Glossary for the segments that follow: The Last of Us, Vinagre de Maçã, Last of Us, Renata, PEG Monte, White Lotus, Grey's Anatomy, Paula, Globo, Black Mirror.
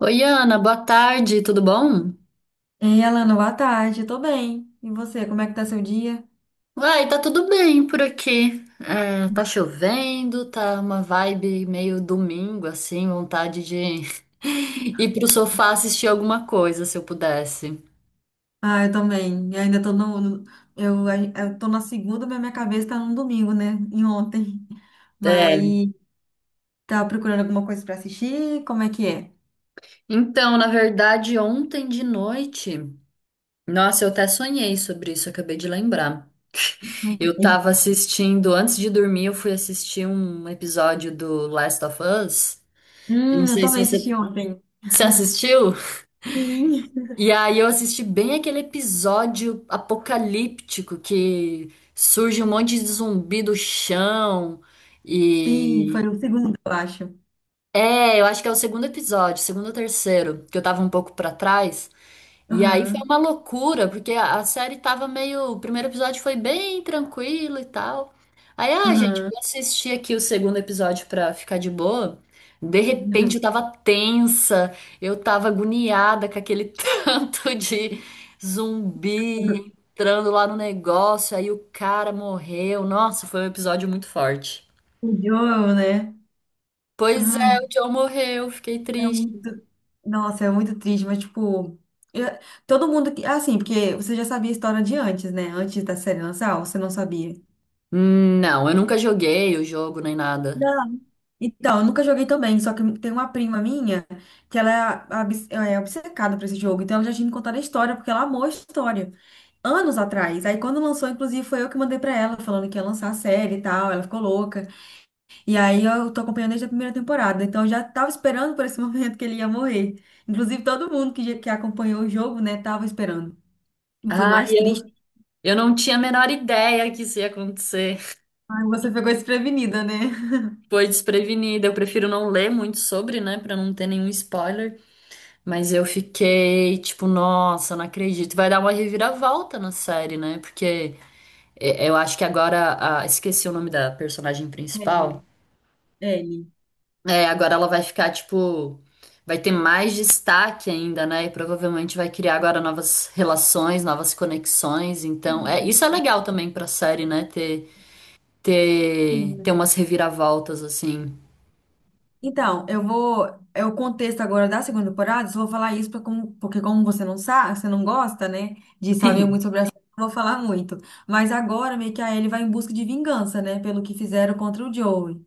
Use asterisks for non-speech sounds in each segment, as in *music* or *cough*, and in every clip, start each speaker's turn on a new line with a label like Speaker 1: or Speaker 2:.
Speaker 1: Oi, Ana, boa tarde, tudo bom?
Speaker 2: Ei, Alana, boa tarde. Tô bem. E você, como é que tá seu dia?
Speaker 1: Uai, tá tudo bem por aqui. É, tá chovendo, tá uma vibe meio domingo, assim, vontade de *laughs* ir pro sofá assistir alguma coisa, se eu pudesse.
Speaker 2: Ah, eu também. Eu ainda tô eu tô na segunda, mas minha cabeça tá no domingo, né? Em ontem. *laughs* Mas
Speaker 1: É,
Speaker 2: tá procurando alguma coisa pra assistir? Como é que é?
Speaker 1: então, na verdade, ontem de noite, nossa, eu até sonhei sobre isso, acabei de lembrar.
Speaker 2: Não
Speaker 1: Eu
Speaker 2: sei.
Speaker 1: tava assistindo, antes de dormir, eu fui assistir um episódio do Last of Us. Eu não
Speaker 2: Eu
Speaker 1: sei se
Speaker 2: também assisti
Speaker 1: você
Speaker 2: ontem.
Speaker 1: se assistiu.
Speaker 2: Sim.
Speaker 1: E aí eu assisti bem aquele episódio apocalíptico que surge um monte de zumbi do chão
Speaker 2: Sim, foi
Speaker 1: e
Speaker 2: o segundo, eu acho.
Speaker 1: eu acho que é o segundo episódio, segundo ou terceiro, que eu tava um pouco pra trás. E aí foi
Speaker 2: Aham.
Speaker 1: uma loucura, porque a série tava meio. O primeiro episódio foi bem tranquilo e tal. Aí, ah, gente,
Speaker 2: Aham.
Speaker 1: vou assistir aqui o segundo episódio pra ficar de boa. De
Speaker 2: Aham.
Speaker 1: repente eu tava tensa, eu tava agoniada com aquele *laughs* tanto de zumbi entrando lá no negócio. Aí o cara morreu. Nossa, foi um episódio muito forte.
Speaker 2: O Joel, né?
Speaker 1: Pois é,
Speaker 2: Ai.
Speaker 1: o John morreu, fiquei
Speaker 2: É
Speaker 1: triste.
Speaker 2: muito. Nossa, é muito triste, mas tipo. eu- Todo mundo que. Assim, porque você já sabia a história de antes, né? Antes da série lançar, ou você não sabia?
Speaker 1: Não, eu nunca joguei o jogo nem nada.
Speaker 2: Não. Então, eu nunca joguei também, só que tem uma prima minha que ela é obcecada por esse jogo, então ela já tinha me contado a história, porque ela amou a história. Anos atrás. Aí quando lançou, inclusive, foi eu que mandei pra ela, falando que ia lançar a série e tal, ela ficou louca. E aí eu tô acompanhando desde a primeira temporada, então eu já tava esperando por esse *laughs* momento que ele ia morrer. Inclusive todo mundo que acompanhou o jogo, né, tava esperando. E foi
Speaker 1: Ah,
Speaker 2: mais triste,
Speaker 1: eu não tinha a menor ideia que isso ia acontecer.
Speaker 2: mas você ficou desprevenida, né?
Speaker 1: Foi desprevenida. Eu prefiro não ler muito sobre, né, pra não ter nenhum spoiler. Mas eu fiquei tipo, nossa, não acredito. Vai dar uma reviravolta na série, né? Porque é, eu acho que agora, esqueci o nome da personagem
Speaker 2: Ele.
Speaker 1: principal.
Speaker 2: Ele.
Speaker 1: É, agora ela vai ficar tipo, vai ter mais destaque ainda, né? E provavelmente vai criar agora novas relações, novas conexões. Então, é, isso é legal também pra série, né? Ter ter,
Speaker 2: Sim.
Speaker 1: ter umas reviravoltas assim.
Speaker 2: Então, eu vou. É o contexto agora da segunda temporada, só vou falar isso pra como, porque, como você não sabe, você não gosta, né, de saber muito
Speaker 1: *laughs*
Speaker 2: sobre a série, eu não vou falar muito. Mas agora meio que a Ellie vai em busca de vingança, né, pelo que fizeram contra o Joey.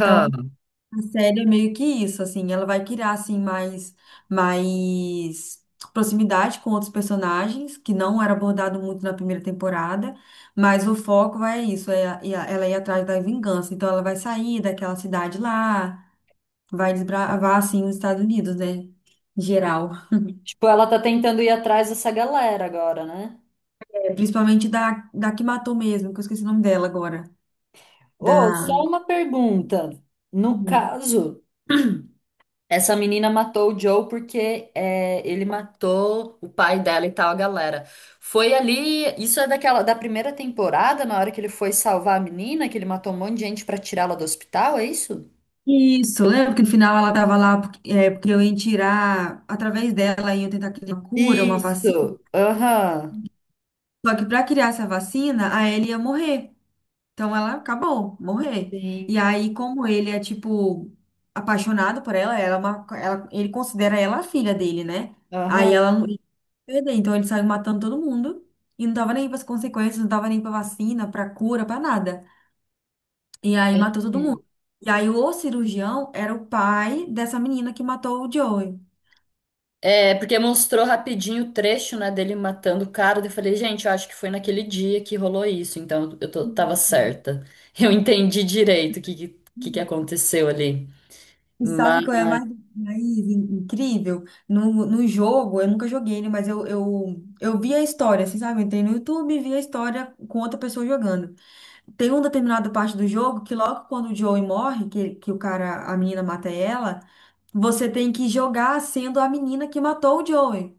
Speaker 2: Então a série é meio que isso, assim, ela vai criar, assim, mais proximidade com outros personagens, que não era abordado muito na primeira temporada, mas o foco vai isso, é, ela ir atrás da vingança, então ela vai sair daquela cidade lá, vai desbravar, assim, os Estados Unidos, né, em geral.
Speaker 1: Tipo, ela tá tentando ir atrás dessa galera agora, né?
Speaker 2: É, principalmente da que matou mesmo, que eu esqueci o nome dela agora, da...
Speaker 1: Ô, só uma pergunta. No
Speaker 2: Uhum.
Speaker 1: caso, *clears throat* essa menina matou o Joe porque é, ele matou o pai dela e tal, a galera. Foi ali, isso é daquela da primeira temporada, na hora que ele foi salvar a menina, que ele matou um monte de gente pra tirá-la do hospital, é isso?
Speaker 2: Isso, lembra que no final ela tava lá porque, é, porque eu ia tirar, através dela, iam tentar criar uma cura, uma vacina.
Speaker 1: Isso. Aham.
Speaker 2: Só que para criar essa vacina, a Ellie ia morrer. Então ela acabou, morrer.
Speaker 1: Sim.
Speaker 2: E aí, como ele é, tipo, apaixonado por ela, ela, é ele considera ela a filha dele, né? Aí
Speaker 1: Aham.
Speaker 2: ela não ia perder. Então ele saiu matando todo mundo. E não tava nem para as consequências, não tava nem para vacina, para cura, para nada. E aí
Speaker 1: É.
Speaker 2: matou todo
Speaker 1: É.
Speaker 2: mundo. E aí o cirurgião era o pai dessa menina que matou o Joey.
Speaker 1: É, porque mostrou rapidinho o trecho, né, dele matando o cara. Daí eu falei, gente, eu acho que foi naquele dia que rolou isso, então tava certa. *laughs* Eu entendi direito o que que
Speaker 2: Uhum.
Speaker 1: aconteceu ali.
Speaker 2: E
Speaker 1: Mas,
Speaker 2: sabe qual é a mais incrível? No jogo, eu nunca joguei, né? Mas eu vi a história, assim, sabe? Eu entrei no YouTube e vi a história com outra pessoa jogando. Tem uma determinada parte do jogo que logo quando o Joey morre, que o cara, a menina mata ela, você tem que jogar sendo a menina que matou o Joey.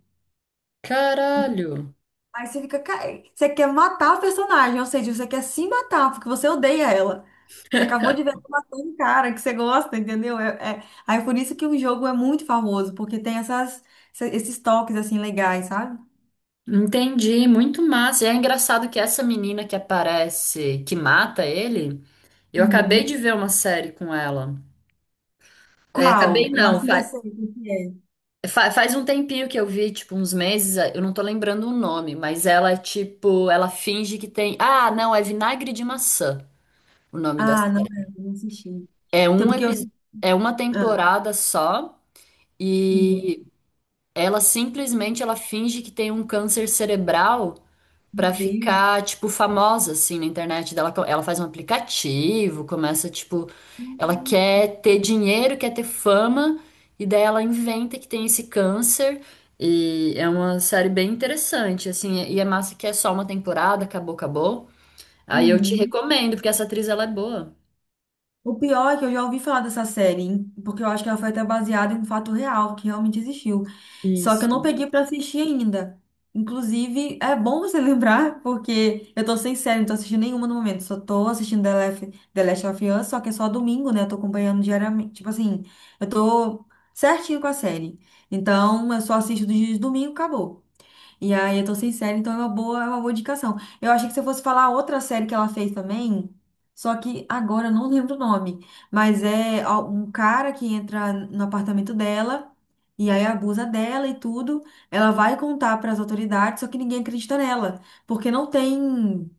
Speaker 1: caralho.
Speaker 2: Aí você fica. Você quer matar a personagem, ou seja, você quer se matar porque você odeia ela. Você acabou de ver
Speaker 1: *laughs*
Speaker 2: ela matando um cara que você gosta, entendeu? Aí é por isso que o jogo é muito famoso, porque tem esses toques assim legais, sabe?
Speaker 1: Entendi, muito massa. E é engraçado que essa menina que aparece, que mata ele, eu acabei de
Speaker 2: Uhum.
Speaker 1: ver uma série com ela. É, acabei
Speaker 2: Qual? Eu
Speaker 1: não,
Speaker 2: acho que já sei o que é.
Speaker 1: Faz um tempinho que eu vi, tipo, uns meses, eu não tô lembrando o nome, mas ela, tipo, ela finge que tem. Ah, não, é Vinagre de Maçã, o nome da
Speaker 2: Ah, não,
Speaker 1: série.
Speaker 2: é, eu não assisti.
Speaker 1: É
Speaker 2: Então,
Speaker 1: um
Speaker 2: porque eu.
Speaker 1: epi... é uma
Speaker 2: Ah,
Speaker 1: temporada só
Speaker 2: uhum. Meu
Speaker 1: e ela simplesmente ela finge que tem um câncer cerebral pra
Speaker 2: Deus.
Speaker 1: ficar, tipo, famosa, assim, na internet dela. Ela faz um aplicativo, começa, tipo, ela
Speaker 2: Caraca.
Speaker 1: quer ter dinheiro, quer ter fama, e daí ela inventa que tem esse câncer. E é uma série bem interessante, assim, e é massa que é só uma temporada, acabou, acabou. Aí eu te
Speaker 2: Uhum.
Speaker 1: recomendo, porque essa atriz, ela é boa.
Speaker 2: O pior é que eu já ouvi falar dessa série, hein? Porque eu acho que ela foi até baseada em um fato real que realmente existiu. Só que eu não
Speaker 1: Isso,
Speaker 2: peguei pra assistir ainda. Inclusive, é bom você *laughs* lembrar, porque eu tô sem série, não tô assistindo nenhuma no momento. Só tô assistindo The Last of Us, só que é só domingo, né? Eu tô acompanhando diariamente. Tipo assim, eu tô certinho com a série. Então, eu só assisto dos dias de domingo, acabou. E aí, eu tô sem série, então é uma boa indicação. Eu achei que você fosse falar outra série que ela fez também, só que agora eu não lembro o nome. Mas é um cara que entra no apartamento dela e aí abusa dela e tudo. Ela vai contar pras autoridades, só que ninguém acredita nela, porque não tem,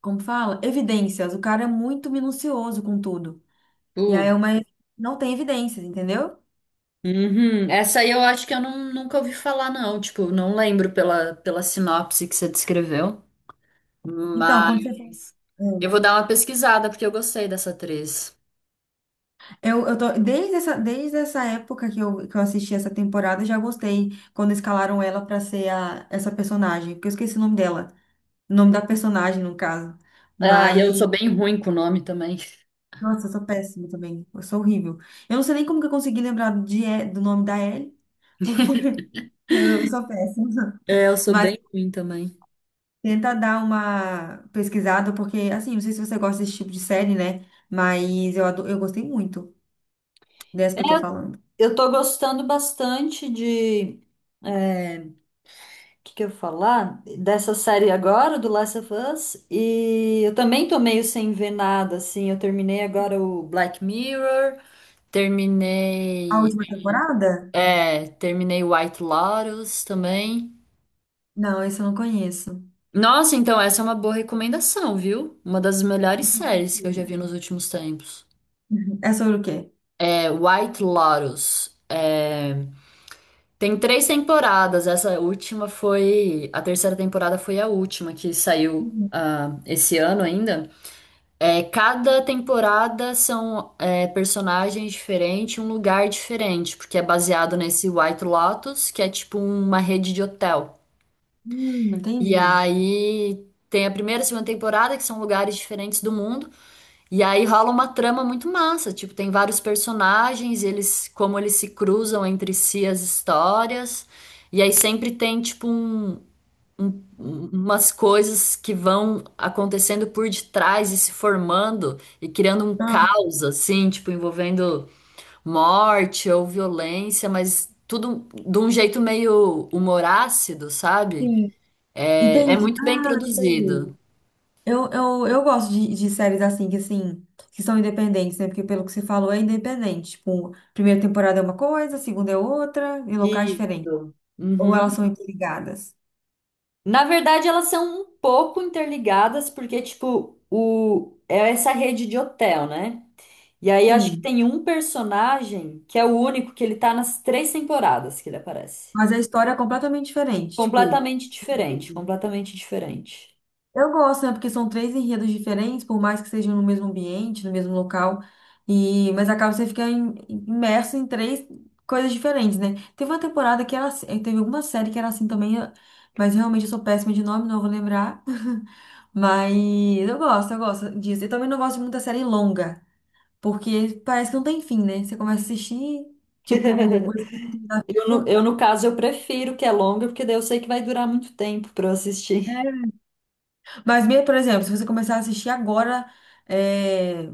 Speaker 2: como fala, evidências. O cara é muito minucioso com tudo. E aí é
Speaker 1: tudo.
Speaker 2: uma, não tem evidências, entendeu?
Speaker 1: Uhum. Essa aí eu acho que eu nunca ouvi falar, não. Tipo, não lembro pela sinopse que você descreveu.
Speaker 2: Então, quando você for-
Speaker 1: Mas eu vou dar uma pesquisada porque eu gostei dessa atriz.
Speaker 2: Eu tô, desde essa época que eu assisti essa temporada, eu já gostei quando escalaram ela pra ser a, essa personagem, porque eu esqueci o nome dela, o nome da personagem, no caso.
Speaker 1: Ah, e eu
Speaker 2: Mas,
Speaker 1: sou bem ruim com o nome também.
Speaker 2: nossa, eu sou péssima também, eu sou horrível. Eu não sei nem como que eu consegui lembrar de, do nome da Ellie, porque *laughs* eu, não- eu sou péssima.
Speaker 1: É, eu sou
Speaker 2: Mas
Speaker 1: bem ruim também.
Speaker 2: tenta dar uma pesquisada, porque, assim, não sei se você gosta desse tipo de série, né? Mas eu gostei muito dessa
Speaker 1: É,
Speaker 2: que eu tô falando.
Speaker 1: eu tô gostando bastante de. O que que eu ia falar? Dessa série agora, do Last of Us. E eu também tô meio sem ver nada, assim. Eu terminei agora o Black Mirror.
Speaker 2: A
Speaker 1: Terminei.
Speaker 2: última temporada?
Speaker 1: É, terminei White Lotus também.
Speaker 2: Não, esse eu não conheço.
Speaker 1: Nossa, então essa é uma boa recomendação, viu? Uma das melhores séries que eu já
Speaker 2: *laughs*
Speaker 1: vi nos últimos tempos.
Speaker 2: Uhum. É sobre o quê?
Speaker 1: É White Lotus. É, tem 3 temporadas. Essa última foi. A terceira temporada foi a última que saiu
Speaker 2: Uhum.
Speaker 1: esse ano ainda. É, cada temporada são personagens diferentes, um lugar diferente, porque é baseado nesse White Lotus, que é tipo uma rede de hotel. E
Speaker 2: Entendi.
Speaker 1: aí tem a primeira e a segunda temporada, que são lugares diferentes do mundo. E aí rola uma trama muito massa, tipo, tem vários personagens, eles como eles se cruzam entre si as histórias. E aí sempre tem tipo umas coisas que vão acontecendo por detrás e se formando e criando um
Speaker 2: Ah,
Speaker 1: caos assim, tipo, envolvendo morte ou violência, mas tudo de um jeito meio humorácido, sabe?
Speaker 2: sim.
Speaker 1: É, é
Speaker 2: Entendi.
Speaker 1: muito bem
Speaker 2: Ah,
Speaker 1: produzido.
Speaker 2: sei. Eu gosto de séries assim, que são independentes, né? Porque pelo que você falou, é independente. Tipo, primeira temporada é uma coisa, segunda é outra, em locais diferentes.
Speaker 1: Isso.
Speaker 2: Ou elas são
Speaker 1: Uhum.
Speaker 2: interligadas.
Speaker 1: Na verdade, elas são um pouco interligadas, porque, tipo, o... é essa rede de hotel, né? E aí acho que
Speaker 2: Sim.
Speaker 1: tem um personagem que é o único que ele tá nas 3 temporadas que ele aparece.
Speaker 2: Mas a história é completamente diferente. Tipo,
Speaker 1: Completamente diferente, completamente diferente.
Speaker 2: eu gosto, né? Porque são três enredos diferentes, por mais que sejam no mesmo ambiente, no mesmo local, e mas acaba você ficar imerso em três coisas diferentes, né? Teve uma temporada que era assim, eh, teve alguma série que era assim também, eu- mas realmente eu sou péssima de nome, não vou lembrar. *laughs* Mas eu gosto disso. Eu também não gosto de muita série longa, porque parece que não tem fim, né? Você começa a assistir, tipo, gosta
Speaker 1: *laughs*
Speaker 2: da
Speaker 1: Eu, no,
Speaker 2: vida.
Speaker 1: eu, no caso, eu prefiro que é longa, porque daí eu sei que vai durar muito tempo pra eu assistir.
Speaker 2: Mas mesmo, por exemplo, se você começar a assistir agora, eh,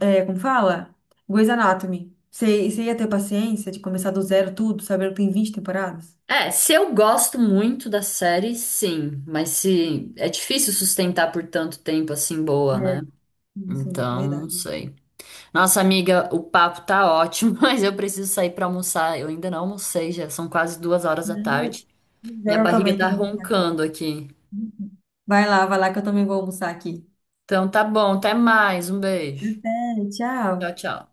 Speaker 2: é, como fala? Grey's Anatomy. Você ia ter paciência de começar do zero tudo, saber que tem 20 temporadas?
Speaker 1: É, se eu gosto muito da série, sim, mas se é difícil sustentar por tanto tempo assim boa, né?
Speaker 2: É. Sim,
Speaker 1: Então, não
Speaker 2: verdade.
Speaker 1: sei. Nossa amiga, o papo tá ótimo, *laughs* mas eu preciso sair pra almoçar. Eu ainda não almocei, já são quase duas horas da
Speaker 2: Hum,
Speaker 1: tarde. Minha
Speaker 2: Eu
Speaker 1: barriga
Speaker 2: também tenho
Speaker 1: tá
Speaker 2: que almoçar agora.
Speaker 1: roncando aqui.
Speaker 2: Vai lá que eu também vou almoçar aqui.
Speaker 1: Então tá bom, até mais. Um beijo.
Speaker 2: Até,
Speaker 1: Tchau,
Speaker 2: tchau.
Speaker 1: tchau.